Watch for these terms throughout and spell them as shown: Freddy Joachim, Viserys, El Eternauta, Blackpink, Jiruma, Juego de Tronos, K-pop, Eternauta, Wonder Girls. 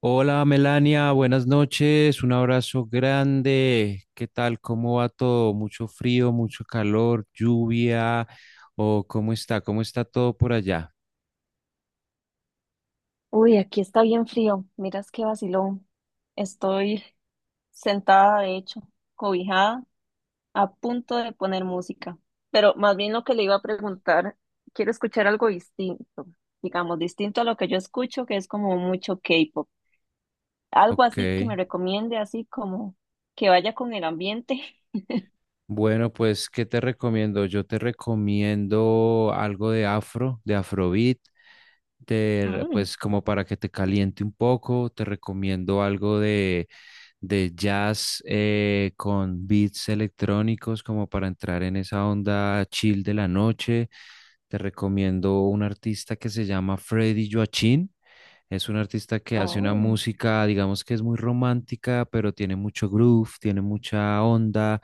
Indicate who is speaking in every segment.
Speaker 1: Hola Melania, buenas noches, un abrazo grande. ¿Qué tal? ¿Cómo va todo? ¿Mucho frío, mucho calor, lluvia? ¿O cómo está? ¿Cómo está todo por allá?
Speaker 2: Uy, aquí está bien frío. Miras qué vacilón. Estoy sentada, de hecho, cobijada, a punto de poner música. Pero más bien lo que le iba a preguntar, quiero escuchar algo distinto, digamos, distinto a lo que yo escucho, que es como mucho K-pop. Algo
Speaker 1: Ok.
Speaker 2: así que me recomiende, así como que vaya con el ambiente.
Speaker 1: Bueno, pues, ¿qué te recomiendo? Yo te recomiendo algo de afro, de afrobeat, pues como para que te caliente un poco, te recomiendo algo de jazz con beats electrónicos como para entrar en esa onda chill de la noche. Te recomiendo un artista que se llama Freddy Joachim. Es un artista que
Speaker 2: Ah,
Speaker 1: hace una
Speaker 2: oh.
Speaker 1: música, digamos que es muy romántica, pero tiene mucho groove, tiene mucha onda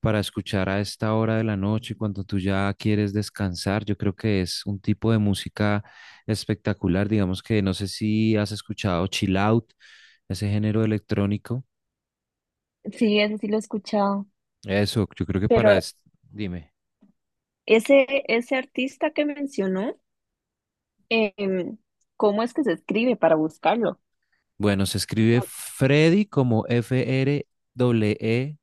Speaker 1: para escuchar a esta hora de la noche cuando tú ya quieres descansar. Yo creo que es un tipo de música espectacular, digamos que no sé si has escuchado chill out, ese género electrónico.
Speaker 2: Sí, ese sí lo he escuchado.
Speaker 1: Eso, yo creo que
Speaker 2: Pero
Speaker 1: para dime.
Speaker 2: ese artista que mencionó, em, ¿cómo es que se escribe para buscarlo?
Speaker 1: Bueno, se escribe Freddy como F R W E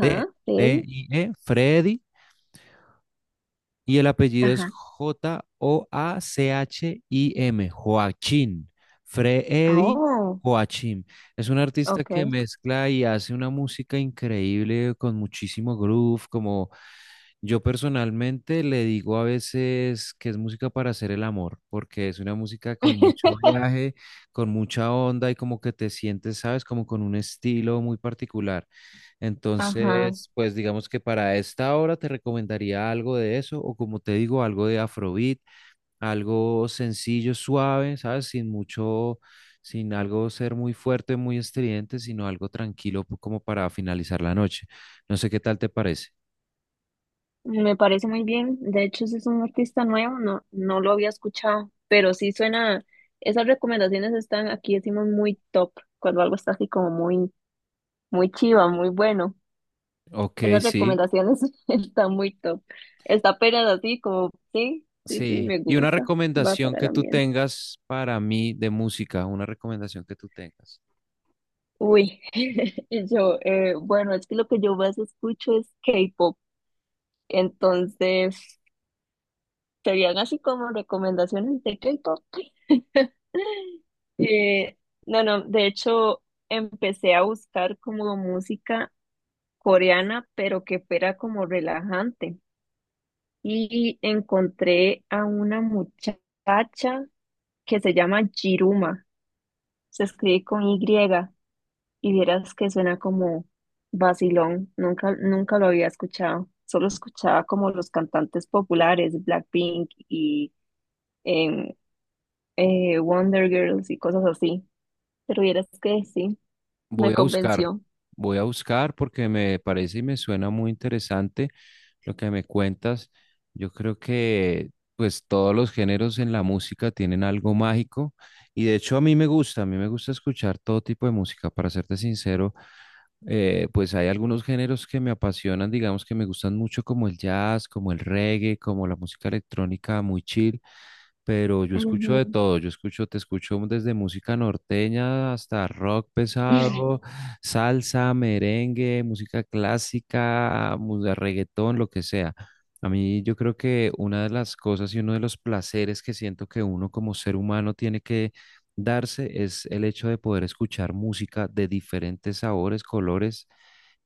Speaker 1: D D
Speaker 2: él.
Speaker 1: I E, Freddy. Y el apellido es
Speaker 2: Ajá.
Speaker 1: JOACHIM, Joachim. Freddy
Speaker 2: Oh,
Speaker 1: Joachim. Es un artista
Speaker 2: ok.
Speaker 1: que mezcla y hace una música increíble con muchísimo groove, como yo personalmente le digo a veces que es música para hacer el amor, porque es una música con mucho viaje, con mucha onda y como que te sientes, ¿sabes? Como con un estilo muy particular.
Speaker 2: Ajá.
Speaker 1: Entonces, pues digamos que para esta hora te recomendaría algo de eso, o como te digo, algo de afrobeat, algo sencillo, suave, ¿sabes? Sin mucho, sin algo ser muy fuerte, muy estridente, sino algo tranquilo como para finalizar la noche. No sé qué tal te parece.
Speaker 2: Me parece muy bien. De hecho, ese es un artista nuevo, no, no lo había escuchado, pero sí suena, esas recomendaciones están aquí, decimos muy top, cuando algo está así como muy, muy chiva, muy bueno.
Speaker 1: Ok,
Speaker 2: Esas
Speaker 1: sí.
Speaker 2: recomendaciones están muy top. Está apenas así como, sí, sí, sí,
Speaker 1: Sí,
Speaker 2: me
Speaker 1: y una
Speaker 2: gusta. Va
Speaker 1: recomendación
Speaker 2: para el
Speaker 1: que tú
Speaker 2: ambiente.
Speaker 1: tengas para mí de música, una recomendación que tú tengas.
Speaker 2: Uy, y yo, bueno, es que lo que yo más escucho es K-pop. Entonces, serían así como recomendaciones de K-pop. Eh, no, no, de hecho, empecé a buscar como música coreana, pero que fuera como relajante. Y encontré a una muchacha que se llama Jiruma. Se escribe con Y y vieras que suena como vacilón. Nunca, nunca lo había escuchado. Solo escuchaba como los cantantes populares, Blackpink y em, Wonder Girls y cosas así. Pero vieras que sí, me
Speaker 1: Voy a buscar,
Speaker 2: convenció.
Speaker 1: voy a buscar porque me parece y me suena muy interesante lo que me cuentas. Yo creo que pues todos los géneros en la música tienen algo mágico y de hecho a mí me gusta, a mí me gusta escuchar todo tipo de música, para serte sincero. Pues hay algunos géneros que me apasionan, digamos que me gustan mucho, como el jazz, como el reggae, como la música electrónica muy chill. Pero yo escucho
Speaker 2: Ujú.
Speaker 1: de todo, yo escucho, te escucho desde música norteña hasta rock pesado, salsa, merengue, música clásica, música reggaetón, lo que sea. A mí yo creo que una de las cosas y uno de los placeres que siento que uno como ser humano tiene que darse es el hecho de poder escuchar música de diferentes sabores, colores,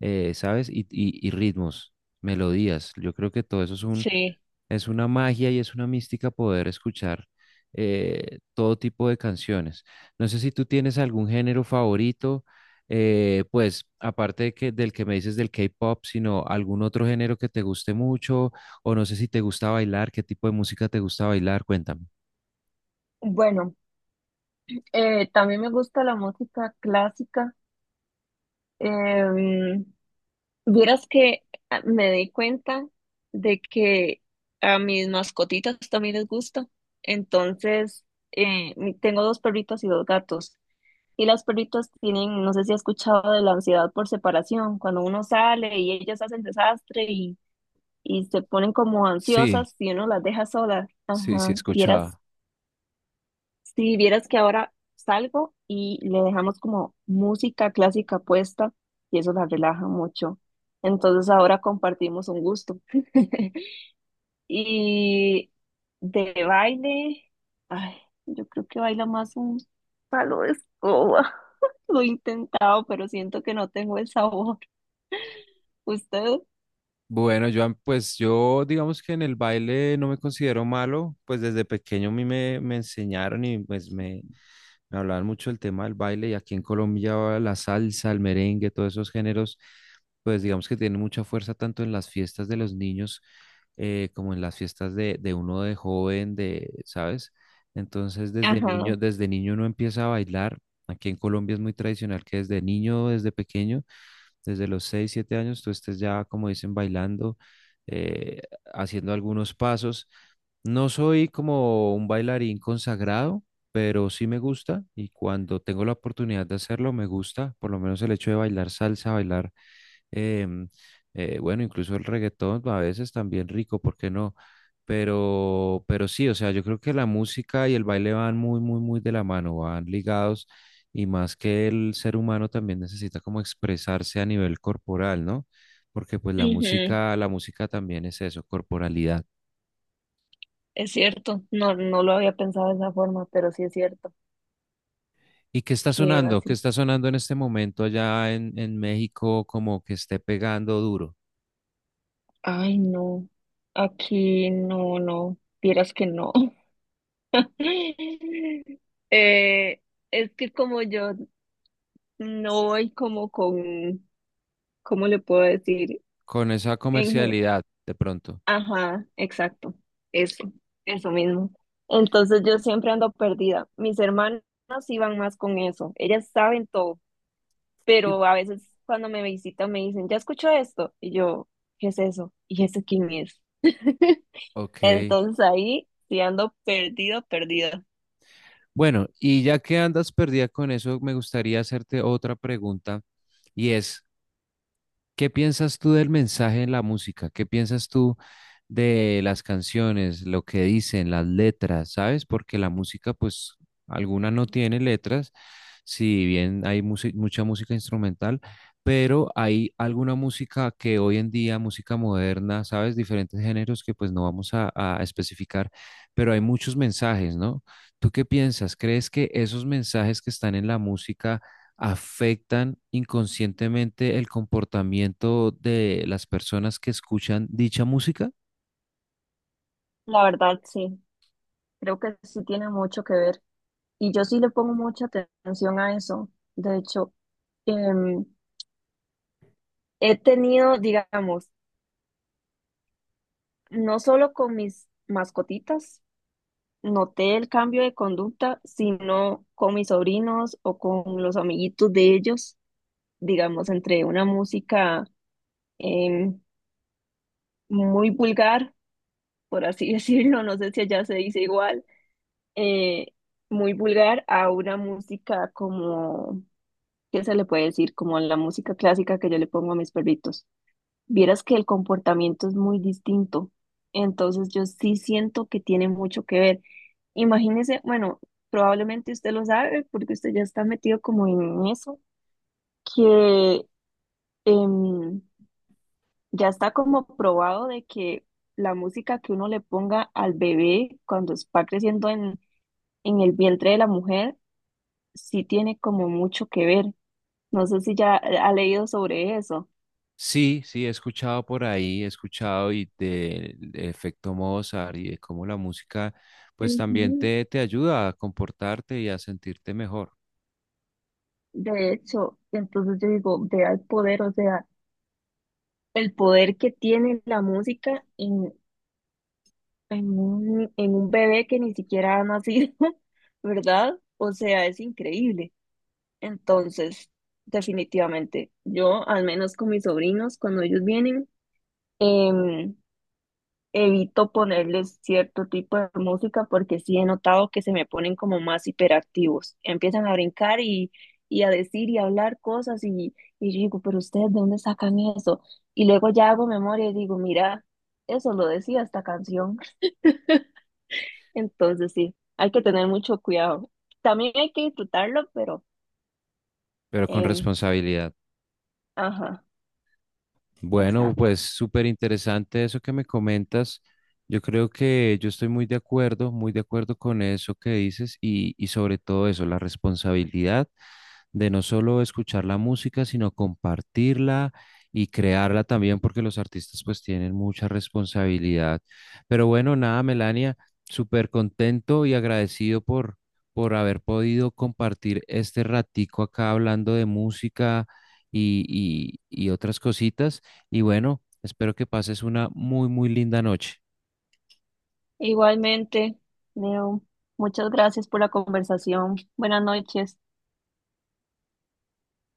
Speaker 1: ¿sabes? Y y ritmos, melodías. Yo creo que todo eso es un
Speaker 2: Sí.
Speaker 1: es una magia y es una mística poder escuchar todo tipo de canciones. No sé si tú tienes algún género favorito, pues aparte de del que me dices del K-pop, sino algún otro género que te guste mucho, o no sé si te gusta bailar, qué tipo de música te gusta bailar, cuéntame.
Speaker 2: Bueno, también me gusta la música clásica. Em, vieras que ah, me di cuenta de que a mis mascotitas también les gusta. Entonces, mi- tengo 2 perritas y 2 gatos. Y las perritas tienen, no sé si has escuchado de la ansiedad por separación, cuando uno sale y ellas hacen desastre y se ponen como
Speaker 1: Sí,
Speaker 2: ansiosas si uno las deja solas.
Speaker 1: sí, sí,
Speaker 2: Ajá, vieras,
Speaker 1: escuchaba.
Speaker 2: si vieras que ahora salgo y le dejamos como música clásica puesta y eso las relaja mucho. Entonces ahora compartimos un gusto. Y de baile, ay, yo creo que baila más un palo de escoba. Lo he intentado, pero siento que no tengo el sabor. ¿Usted?
Speaker 1: Bueno, Joan, pues yo digamos que en el baile no me considero malo, pues desde pequeño a mí me enseñaron y pues me hablaban mucho del tema del baile y aquí en Colombia la salsa, el merengue, todos esos géneros, pues digamos que tienen mucha fuerza tanto en las fiestas de los niños como en las fiestas de uno de joven, de, ¿sabes? Entonces
Speaker 2: Ajá.
Speaker 1: desde niño uno empieza a bailar. Aquí en Colombia es muy tradicional que desde niño, desde pequeño desde los 6 7 años tú estés ya, como dicen, bailando, eh, haciendo algunos pasos. No soy como un bailarín consagrado, pero sí me gusta y cuando tengo la oportunidad de hacerlo, me gusta, por lo menos el hecho de bailar salsa, bailar em, bueno, incluso el reggaetón a veces también rico, ¿por qué no? Pero sí, o sea, yo creo que la música y el baile van muy, muy, muy de la mano, van ligados y más que el ser humano también necesita como expresarse a nivel corporal, ¿no? Porque pues
Speaker 2: Ujú.
Speaker 1: la música también es eso, corporalidad.
Speaker 2: Es cierto, no, no lo había pensado de esa forma, pero sí es cierto
Speaker 1: ¿Y qué está
Speaker 2: que era
Speaker 1: sonando? ¿Qué
Speaker 2: así.
Speaker 1: está sonando en este momento allá en México como que esté pegando duro?
Speaker 2: Ay, no, aquí no, no, vieras que no. Eh, es que como yo no voy como con, ¿cómo le puedo decir?
Speaker 1: Con esa
Speaker 2: En, ge-
Speaker 1: comercialidad, de pronto.
Speaker 2: ajá, exacto, eso, eso mismo. Entonces yo siempre ando perdida. Mis hermanas iban más con eso, ellas saben todo
Speaker 1: Y
Speaker 2: pero a veces cuando me visitan me dicen, ya escucho esto, y yo, ¿qué es eso? ¿Y ese quién es?
Speaker 1: Ok.
Speaker 2: Entonces ahí sí ando perdido, perdida.
Speaker 1: Bueno, y ya que andas perdida con eso, me gustaría hacerte otra pregunta y es, ¿qué piensas tú del mensaje en la música? ¿Qué piensas tú de las canciones, lo que dicen, las letras, ¿sabes? Porque la música, pues, alguna no tiene letras, si bien hay mucha música instrumental, pero hay alguna música que hoy en día, música moderna, ¿sabes? Diferentes géneros que pues no vamos a especificar, pero hay muchos mensajes, ¿no? ¿Tú qué piensas? ¿Crees que esos mensajes que están en la música afectan inconscientemente el comportamiento de las personas que escuchan dicha música?
Speaker 2: La verdad, sí, creo que sí tiene mucho que ver. Y yo sí le pongo mucha atención a eso. De hecho, em, he tenido, digamos, no solo con mis mascotitas, noté el cambio de conducta, sino con mis sobrinos o con los amiguitos de ellos, digamos, entre una música em, muy vulgar, por así decirlo, no sé si allá se dice igual, eh, muy vulgar a una música como, ¿qué se le puede decir? Como la música clásica que yo le pongo a mis perritos. Vieras que el comportamiento es muy distinto, entonces yo sí siento que tiene mucho que ver. Imagínese, bueno, probablemente usted lo sabe porque usted ya está metido como en eso, que... em, ya está como probado de que la música que uno le ponga al bebé cuando va creciendo en el vientre de la mujer, sí tiene como mucho que ver. No sé si ya ha leído sobre eso.
Speaker 1: Sí, sí, he escuchado por ahí, he escuchado y del efecto Mozart y de cómo la música pues también
Speaker 2: Ujú.
Speaker 1: te ayuda a comportarte y a sentirte mejor,
Speaker 2: De hecho, entonces yo digo, vea el poder, o sea, el poder que tiene la música en un bebé que ni siquiera ha nacido, ¿verdad? O sea, es increíble. Entonces, definitivamente, yo al menos con mis sobrinos, cuando ellos vienen, em, evito ponerles cierto tipo de música porque sí he notado que se me ponen como más hiperactivos. Empiezan a brincar y a decir y a hablar cosas y yo digo, pero ustedes, ¿de dónde sacan eso? Y luego ya hago memoria y digo, mira, eso lo decía esta canción. Entonces, sí, hay que tener mucho cuidado. También hay que disfrutarlo, pero,
Speaker 1: pero con
Speaker 2: em,
Speaker 1: responsabilidad.
Speaker 2: ajá,
Speaker 1: Bueno,
Speaker 2: exacto.
Speaker 1: pues súper interesante eso que me comentas. Yo creo que yo estoy muy de acuerdo con eso que dices y sobre todo eso, la responsabilidad de no solo escuchar la música, sino compartirla y crearla también, porque los artistas pues tienen mucha responsabilidad. Pero bueno, nada, Melania, súper contento y agradecido por haber podido compartir este ratico acá hablando de música y, y otras cositas. Y bueno, espero que pases una muy, muy linda noche.
Speaker 2: Igualmente, Leo, muchas gracias por la conversación. Buenas noches.